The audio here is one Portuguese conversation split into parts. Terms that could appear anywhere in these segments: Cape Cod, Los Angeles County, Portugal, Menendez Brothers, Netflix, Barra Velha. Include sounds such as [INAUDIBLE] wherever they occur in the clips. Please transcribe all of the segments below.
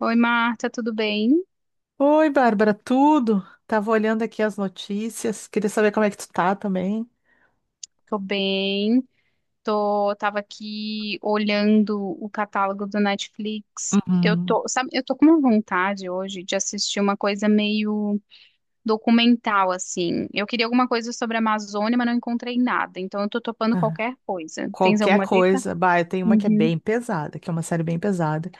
Oi, Marta, tudo bem? Oi, Bárbara, tudo? Tava olhando aqui as notícias, queria saber como é que tu tá também. Tô bem. Tava aqui olhando o catálogo do Netflix. Eu Uhum. tô, sabe, eu tô com uma vontade hoje de assistir uma coisa meio documental, assim. Eu queria alguma coisa sobre a Amazônia, mas não encontrei nada. Então eu tô topando Ah, qualquer coisa. Tens qualquer alguma dica? coisa, bah, eu tenho uma que é Uhum. bem pesada, que é uma série bem pesada,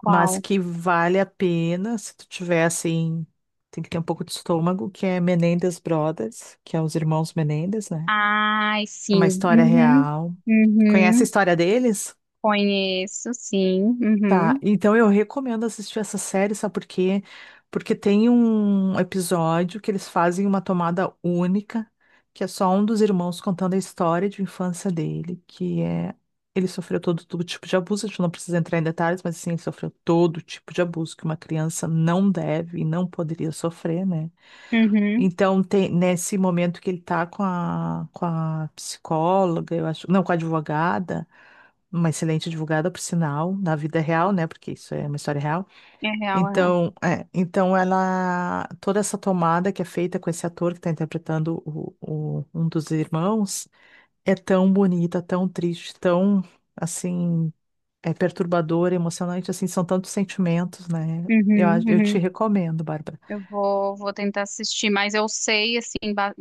mas que vale a pena se tu tiver assim, tem que ter um pouco de estômago, que é Menendez Brothers, que é os irmãos Menendez, né? Ai, É uma sim. história Uhum. real. Tu conhece a Uhum. história deles? Conheço, sim. Tá, Uhum. então eu recomendo assistir essa série, sabe por quê? Porque tem um episódio que eles fazem uma tomada única, que é só um dos irmãos contando a história de infância dele, que é ele sofreu todo tipo de abuso, a gente não precisa entrar em detalhes, mas assim, ele sofreu todo tipo de abuso que uma criança não deve e não poderia sofrer, né? Uhum. Então, tem, nesse momento que ele tá com a psicóloga, eu acho, não, com a advogada, uma excelente advogada, por sinal, na vida real, né? Porque isso é uma história real. É real, é. Então, é, então ela, toda essa tomada que é feita com esse ator que está interpretando o, um dos irmãos é tão bonita, tão triste, tão assim, é perturbadora, emocionante, assim, são tantos sentimentos, né? Uhum. Eu te Uhum. recomendo, Bárbara. Eu vou tentar assistir, mas eu sei, assim,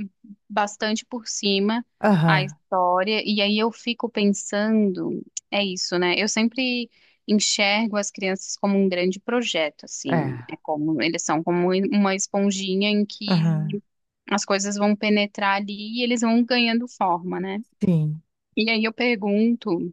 bastante por cima a Aham, história, e aí eu fico pensando, é isso, né? Eu sempre enxergo as crianças como um grande projeto, assim, é, é como, eles são como um, uma esponjinha em aham, que as coisas vão penetrar ali e eles vão ganhando forma, né? sim, E aí eu pergunto,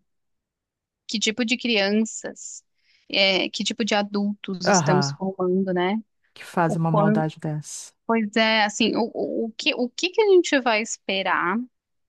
que tipo de crianças, que tipo de adultos estamos aham, formando, né? que faz O uma quanto... maldade dessa. Pois é, assim, o que que a gente vai esperar,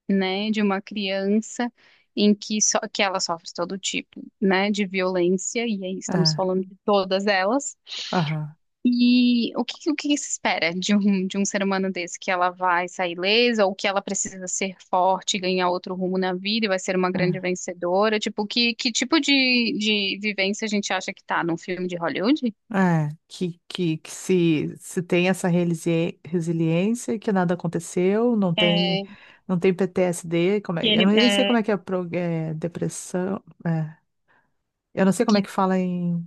né, de uma criança em que, só, que ela sofre todo tipo, né, de violência, e aí estamos É, falando de todas elas, aham. e o que se espera de um ser humano desse, que ela vai sair ilesa, ou que ela precisa ser forte, ganhar outro rumo na vida e vai ser uma grande É. vencedora, tipo, que tipo de vivência a gente acha que tá num filme de Hollywood? É, que se tem essa resiliência, que nada aconteceu, não tem, É, não tem PTSD, como é, que eu ele, nem sei é, como é que é, é, depressão, é, eu não sei como é que fala em,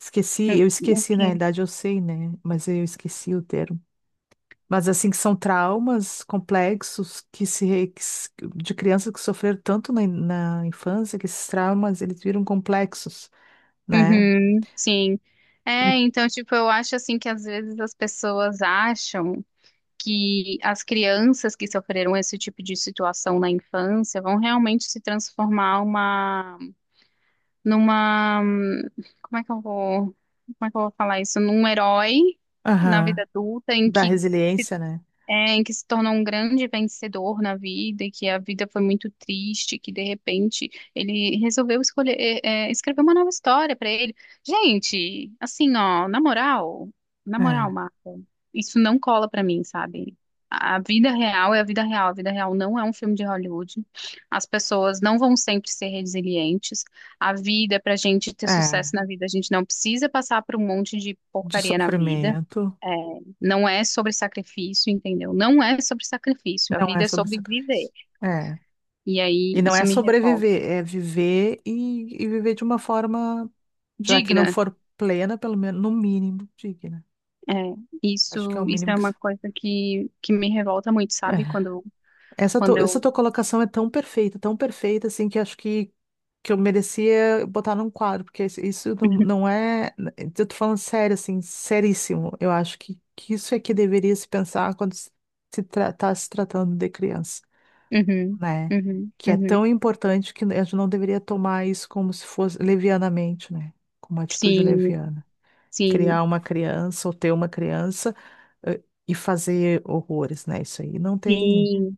esqueci, eu esqueci, na que, realidade eu sei, né, mas eu esqueci o termo. Mas assim, que são traumas complexos que se, re- que se- de crianças que sofreram tanto na, na infância, que esses traumas, eles viram complexos, né, uhum, sim. E- É, então, tipo, eu acho assim que às vezes as pessoas acham que as crianças que sofreram esse tipo de situação na infância vão realmente se transformar numa, como é que eu vou, como é que eu vou falar isso? Num herói na aham, vida adulta em da que resiliência, né. é, em que se tornou um grande vencedor na vida e que a vida foi muito triste, que de repente ele resolveu escolher, escrever uma nova história pra ele. Gente, assim, ó, na moral, É. Marco, isso não cola pra mim, sabe? A vida real é a vida real. A vida real não é um filme de Hollywood. As pessoas não vão sempre ser resilientes. A vida, pra gente ter É, sucesso na vida, a gente não precisa passar por um monte de de porcaria na vida. sofrimento. É, não é sobre sacrifício, entendeu? Não é sobre sacrifício. A Não é vida é sobre sobre viver. sacrifício. É. E aí E não isso é me revolta. sobreviver, é viver e viver de uma forma, já que não Digna, for plena, pelo menos, no mínimo, digna. é, Acho que é isso, o isso mínimo é que. uma coisa que me revolta muito, É. sabe? Quando, Essa, quando essa eu. tua colocação é tão perfeita, assim, que acho que eu merecia botar num quadro, porque isso não [LAUGHS] é. Eu tô falando sério, assim, seríssimo. Eu acho que isso é que deveria se pensar quando se, tá se tratando de criança. Uhum, Né? uhum, Que é tão uhum. importante que a gente não deveria tomar isso como se fosse levianamente, né? Com uma atitude Sim, leviana. sim, Criar uma criança ou ter uma criança eh, e fazer horrores, né? Isso aí não tem. sim.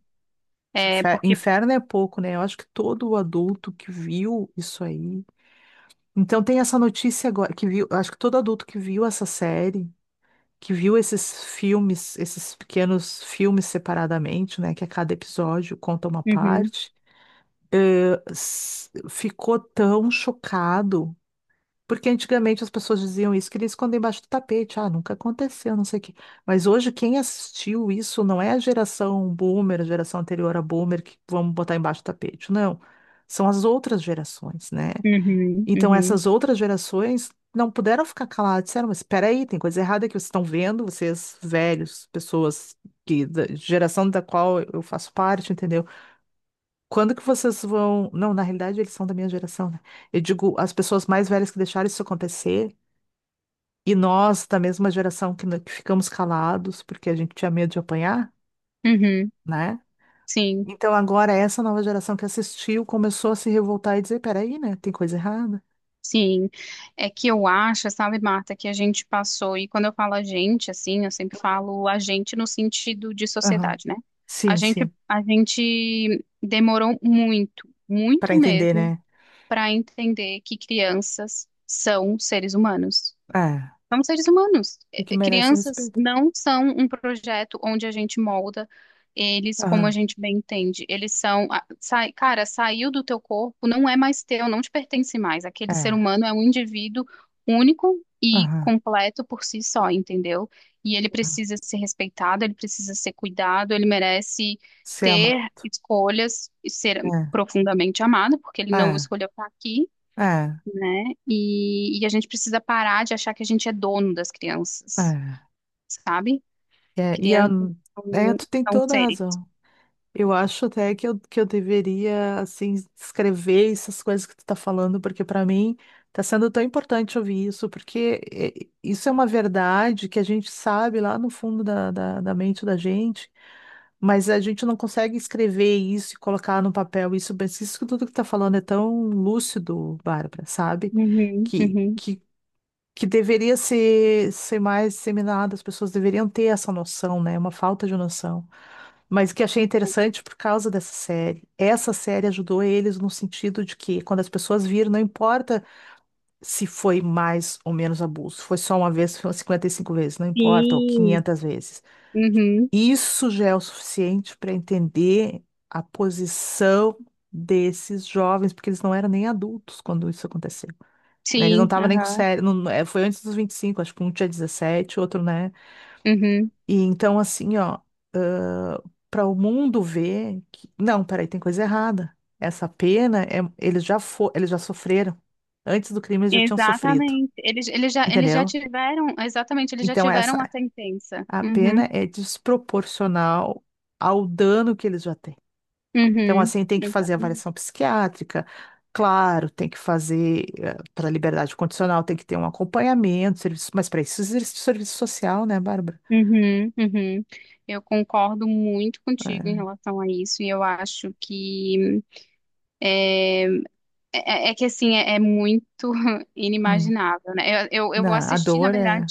É porque... Inferno é pouco, né? Eu acho que todo adulto que viu isso aí. Então tem essa notícia agora que viu, acho que todo adulto que viu essa série, que viu esses filmes, esses pequenos filmes separadamente, né, que a cada episódio conta uma Uhum, parte, ficou tão chocado, porque antigamente as pessoas diziam isso, queria esconder embaixo do tapete, ah, nunca aconteceu, não sei o quê. Mas hoje quem assistiu isso não é a geração boomer, a geração anterior a boomer, que vamos botar embaixo do tapete, não. São as outras gerações, né? uhum, Então uhum, essas outras gerações não puderam ficar caladas, disseram, mas espera aí, tem coisa errada que vocês estão vendo, vocês velhos, pessoas que da geração da qual eu faço parte, entendeu? Quando que vocês vão. Não, na realidade eles são da minha geração, né? Eu digo, as pessoas mais velhas que deixaram isso acontecer, e nós da mesma geração que, que ficamos calados porque a gente tinha medo de apanhar, uhum. né? Sim. Então agora essa nova geração que assistiu começou a se revoltar e dizer, peraí, né? Tem coisa errada. Sim, é que eu acho, sabe, Marta, que a gente passou, e quando eu falo a gente, assim, eu sempre falo a gente no sentido de Aham. sociedade, né? A Sim, gente, sim. a gente demorou muito, Para muito entender, mesmo, né? para entender que crianças são seres humanos. É. São seres humanos. E que merece Crianças respeito. não são um projeto onde a gente molda eles como a Aham. gente bem entende. Eles são, a- sai- cara, saiu do teu corpo, não é mais teu, não te pertence mais. Aquele ser É. humano é um indivíduo único e Aham. completo por si só, entendeu? E ele precisa ser respeitado, ele precisa ser cuidado, ele merece Se ter amar. escolhas e ser É. profundamente amado, porque ele não É. escolheu estar aqui, É. né? E a gente precisa parar de achar que a gente é dono das crianças, É. sabe? É. E a... Crianças é, são, tu tem são toda a seres. razão. Eu acho até que eu deveria, assim, escrever essas coisas que tu tá falando, porque para mim tá sendo tão importante ouvir isso, porque isso é uma verdade que a gente sabe lá no fundo da, da, da mente da gente, mas a gente não consegue escrever isso e colocar no papel isso, mas isso que tudo que tá falando é tão lúcido, Bárbara, sabe? Uhum, Que, uhum. que que deveria ser, ser mais disseminada, as pessoas deveriam ter essa noção, né? Uma falta de noção. Mas que achei interessante por causa dessa série. Essa série ajudou eles no sentido de que, quando as pessoas viram, não importa se foi mais ou menos abuso, foi só uma vez, foi 55 vezes, não importa, ou Sim. 500 vezes. Uhum, Isso já é o suficiente para entender a posição desses jovens, porque eles não eram nem adultos quando isso aconteceu, né? Eles não sim, estavam nem com aham, sério. É, foi antes dos 25, acho que um tinha 17, outro, né? uhum. E então, assim, ó, para o mundo ver que. Não, peraí, tem coisa errada. Essa pena, é, eles já eles já sofreram. Antes do crime, eles já tinham sofrido. Exatamente. Eles já Entendeu? tiveram, exatamente, eles já Então, essa tiveram a sentença. a Uhum, pena é desproporcional ao dano que eles já têm. Então, uhum, assim, tem que fazer exatamente. avaliação psiquiátrica, claro, tem que fazer para liberdade condicional, tem que ter um acompanhamento, serviço, mas para isso existe serviço social, né, Bárbara? Uhum, uhum. Eu concordo muito contigo em É. relação a isso, e eu acho que... É, é que assim, é, é muito [LAUGHS] Hum. inimaginável, né? Eu A assisti, na dor verdade, é.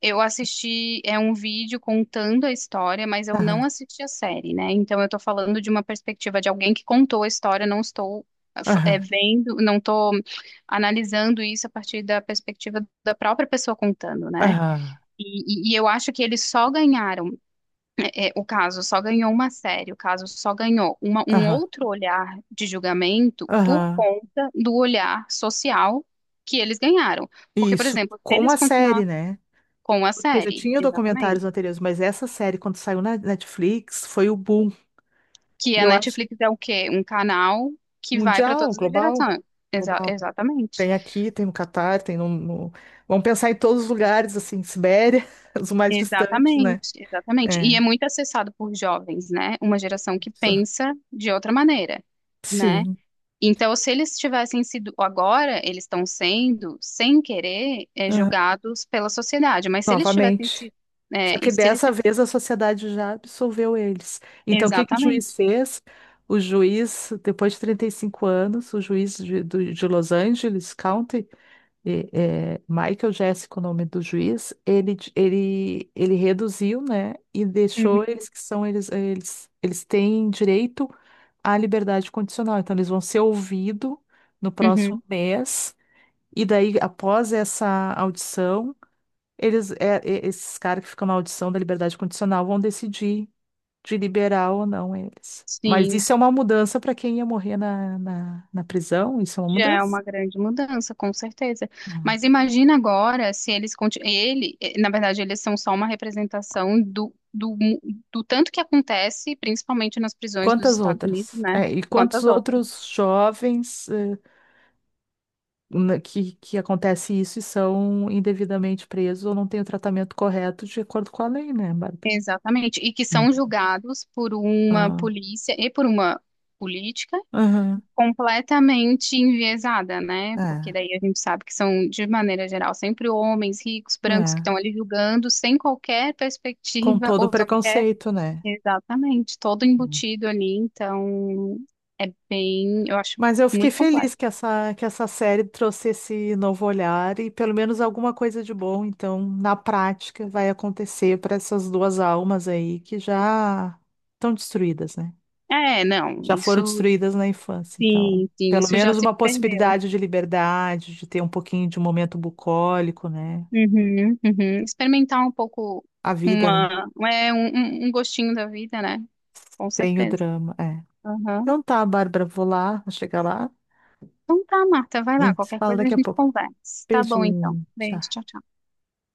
eu assisti é um vídeo contando a história, mas eu Aham, não assisti a série, né? Então eu tô falando de uma perspectiva de alguém que contou a história, não estou é, aham, vendo, não tô analisando isso a partir da perspectiva da própria pessoa contando, né? aham, E eu acho que eles só ganharam é, o caso só ganhou uma série, o caso só ganhou um aham, outro olhar de julgamento por aham. conta do olhar social que eles ganharam. Porque, por Isso, exemplo, se com eles a continuar série, né? com a Porque já série, tinha exatamente, documentários anteriores, mas essa série, quando saiu na Netflix, foi o boom. que E a eu acho Netflix é o quê? Um canal que vai para mundial, todas as global, gerações. Global. Exatamente, Tem aqui, tem no Catar, tem no, vamos pensar em todos os lugares, assim, Sibéria, [LAUGHS] os mais distantes, né? exatamente, exatamente. E É. é muito acessado por jovens, né? Uma geração que Isso. pensa de outra maneira, né? Sim. Então, se eles tivessem sido, agora eles estão sendo, sem querer, eh, Ah, julgados pela sociedade, mas se eles tivessem novamente. sido, eh, Só e que se eles, dessa vez a sociedade já absolveu eles. Então, o que que o exatamente, juiz fez? O juiz, depois de 35 anos, o juiz de, de Los Angeles County, e, é, Michael Jéssico, o nome do juiz, ele, ele, ele reduziu, né, e uhum, deixou eles que são, eles têm direito à liberdade condicional, então eles vão ser ouvidos no próximo uhum. mês, e daí, após essa audição, eles, é, é, esses caras que ficam na audição da liberdade condicional vão decidir de liberar ou não eles. Mas Sim, isso é uma mudança para quem ia morrer na, na, na prisão, isso é uma já é mudança. uma grande mudança, com certeza. Mas imagina agora se eles, conti- ele, eh, na verdade, eles são só uma representação do, tanto que acontece, principalmente nas prisões dos Quantas Estados Unidos, outras? né? É, e quantos Quantas outras. outros jovens que acontece isso e são indevidamente presos ou não têm o tratamento correto de acordo com a lei, né, Bárbara? Exatamente, e que são Muito. julgados por uma Ah, polícia e por uma política aham, completamente enviesada, né? Porque daí a gente sabe que são, de maneira geral, sempre homens ricos, é, brancos que é. estão ali julgando sem qualquer Com perspectiva todo o ou só qualquer. preconceito, né? Exatamente, todo Hum. embutido ali, então é bem, eu acho Mas eu fiquei muito feliz complexo. Que essa série trouxe esse novo olhar e pelo menos alguma coisa de bom, então, na prática, vai acontecer para essas duas almas aí que já estão destruídas, né? É, não, Já foram isso destruídas na infância. Então, sim, sim, pelo isso já menos se uma perdeu. possibilidade de liberdade, de ter um pouquinho de um momento bucólico, né? Uhum, uhum. Experimentar um pouco A vida, né? uma, é, um, um gostinho da vida, né? Com Tem o certeza. drama, é. Aham. Então tá, Bárbara, vou lá, vou chegar lá Então tá, Marta, vai e a lá. gente se Qualquer fala coisa a daqui a gente pouco. conversa. Tá bom, então. Beijinho, Beijo, tchau. tchau, tchau.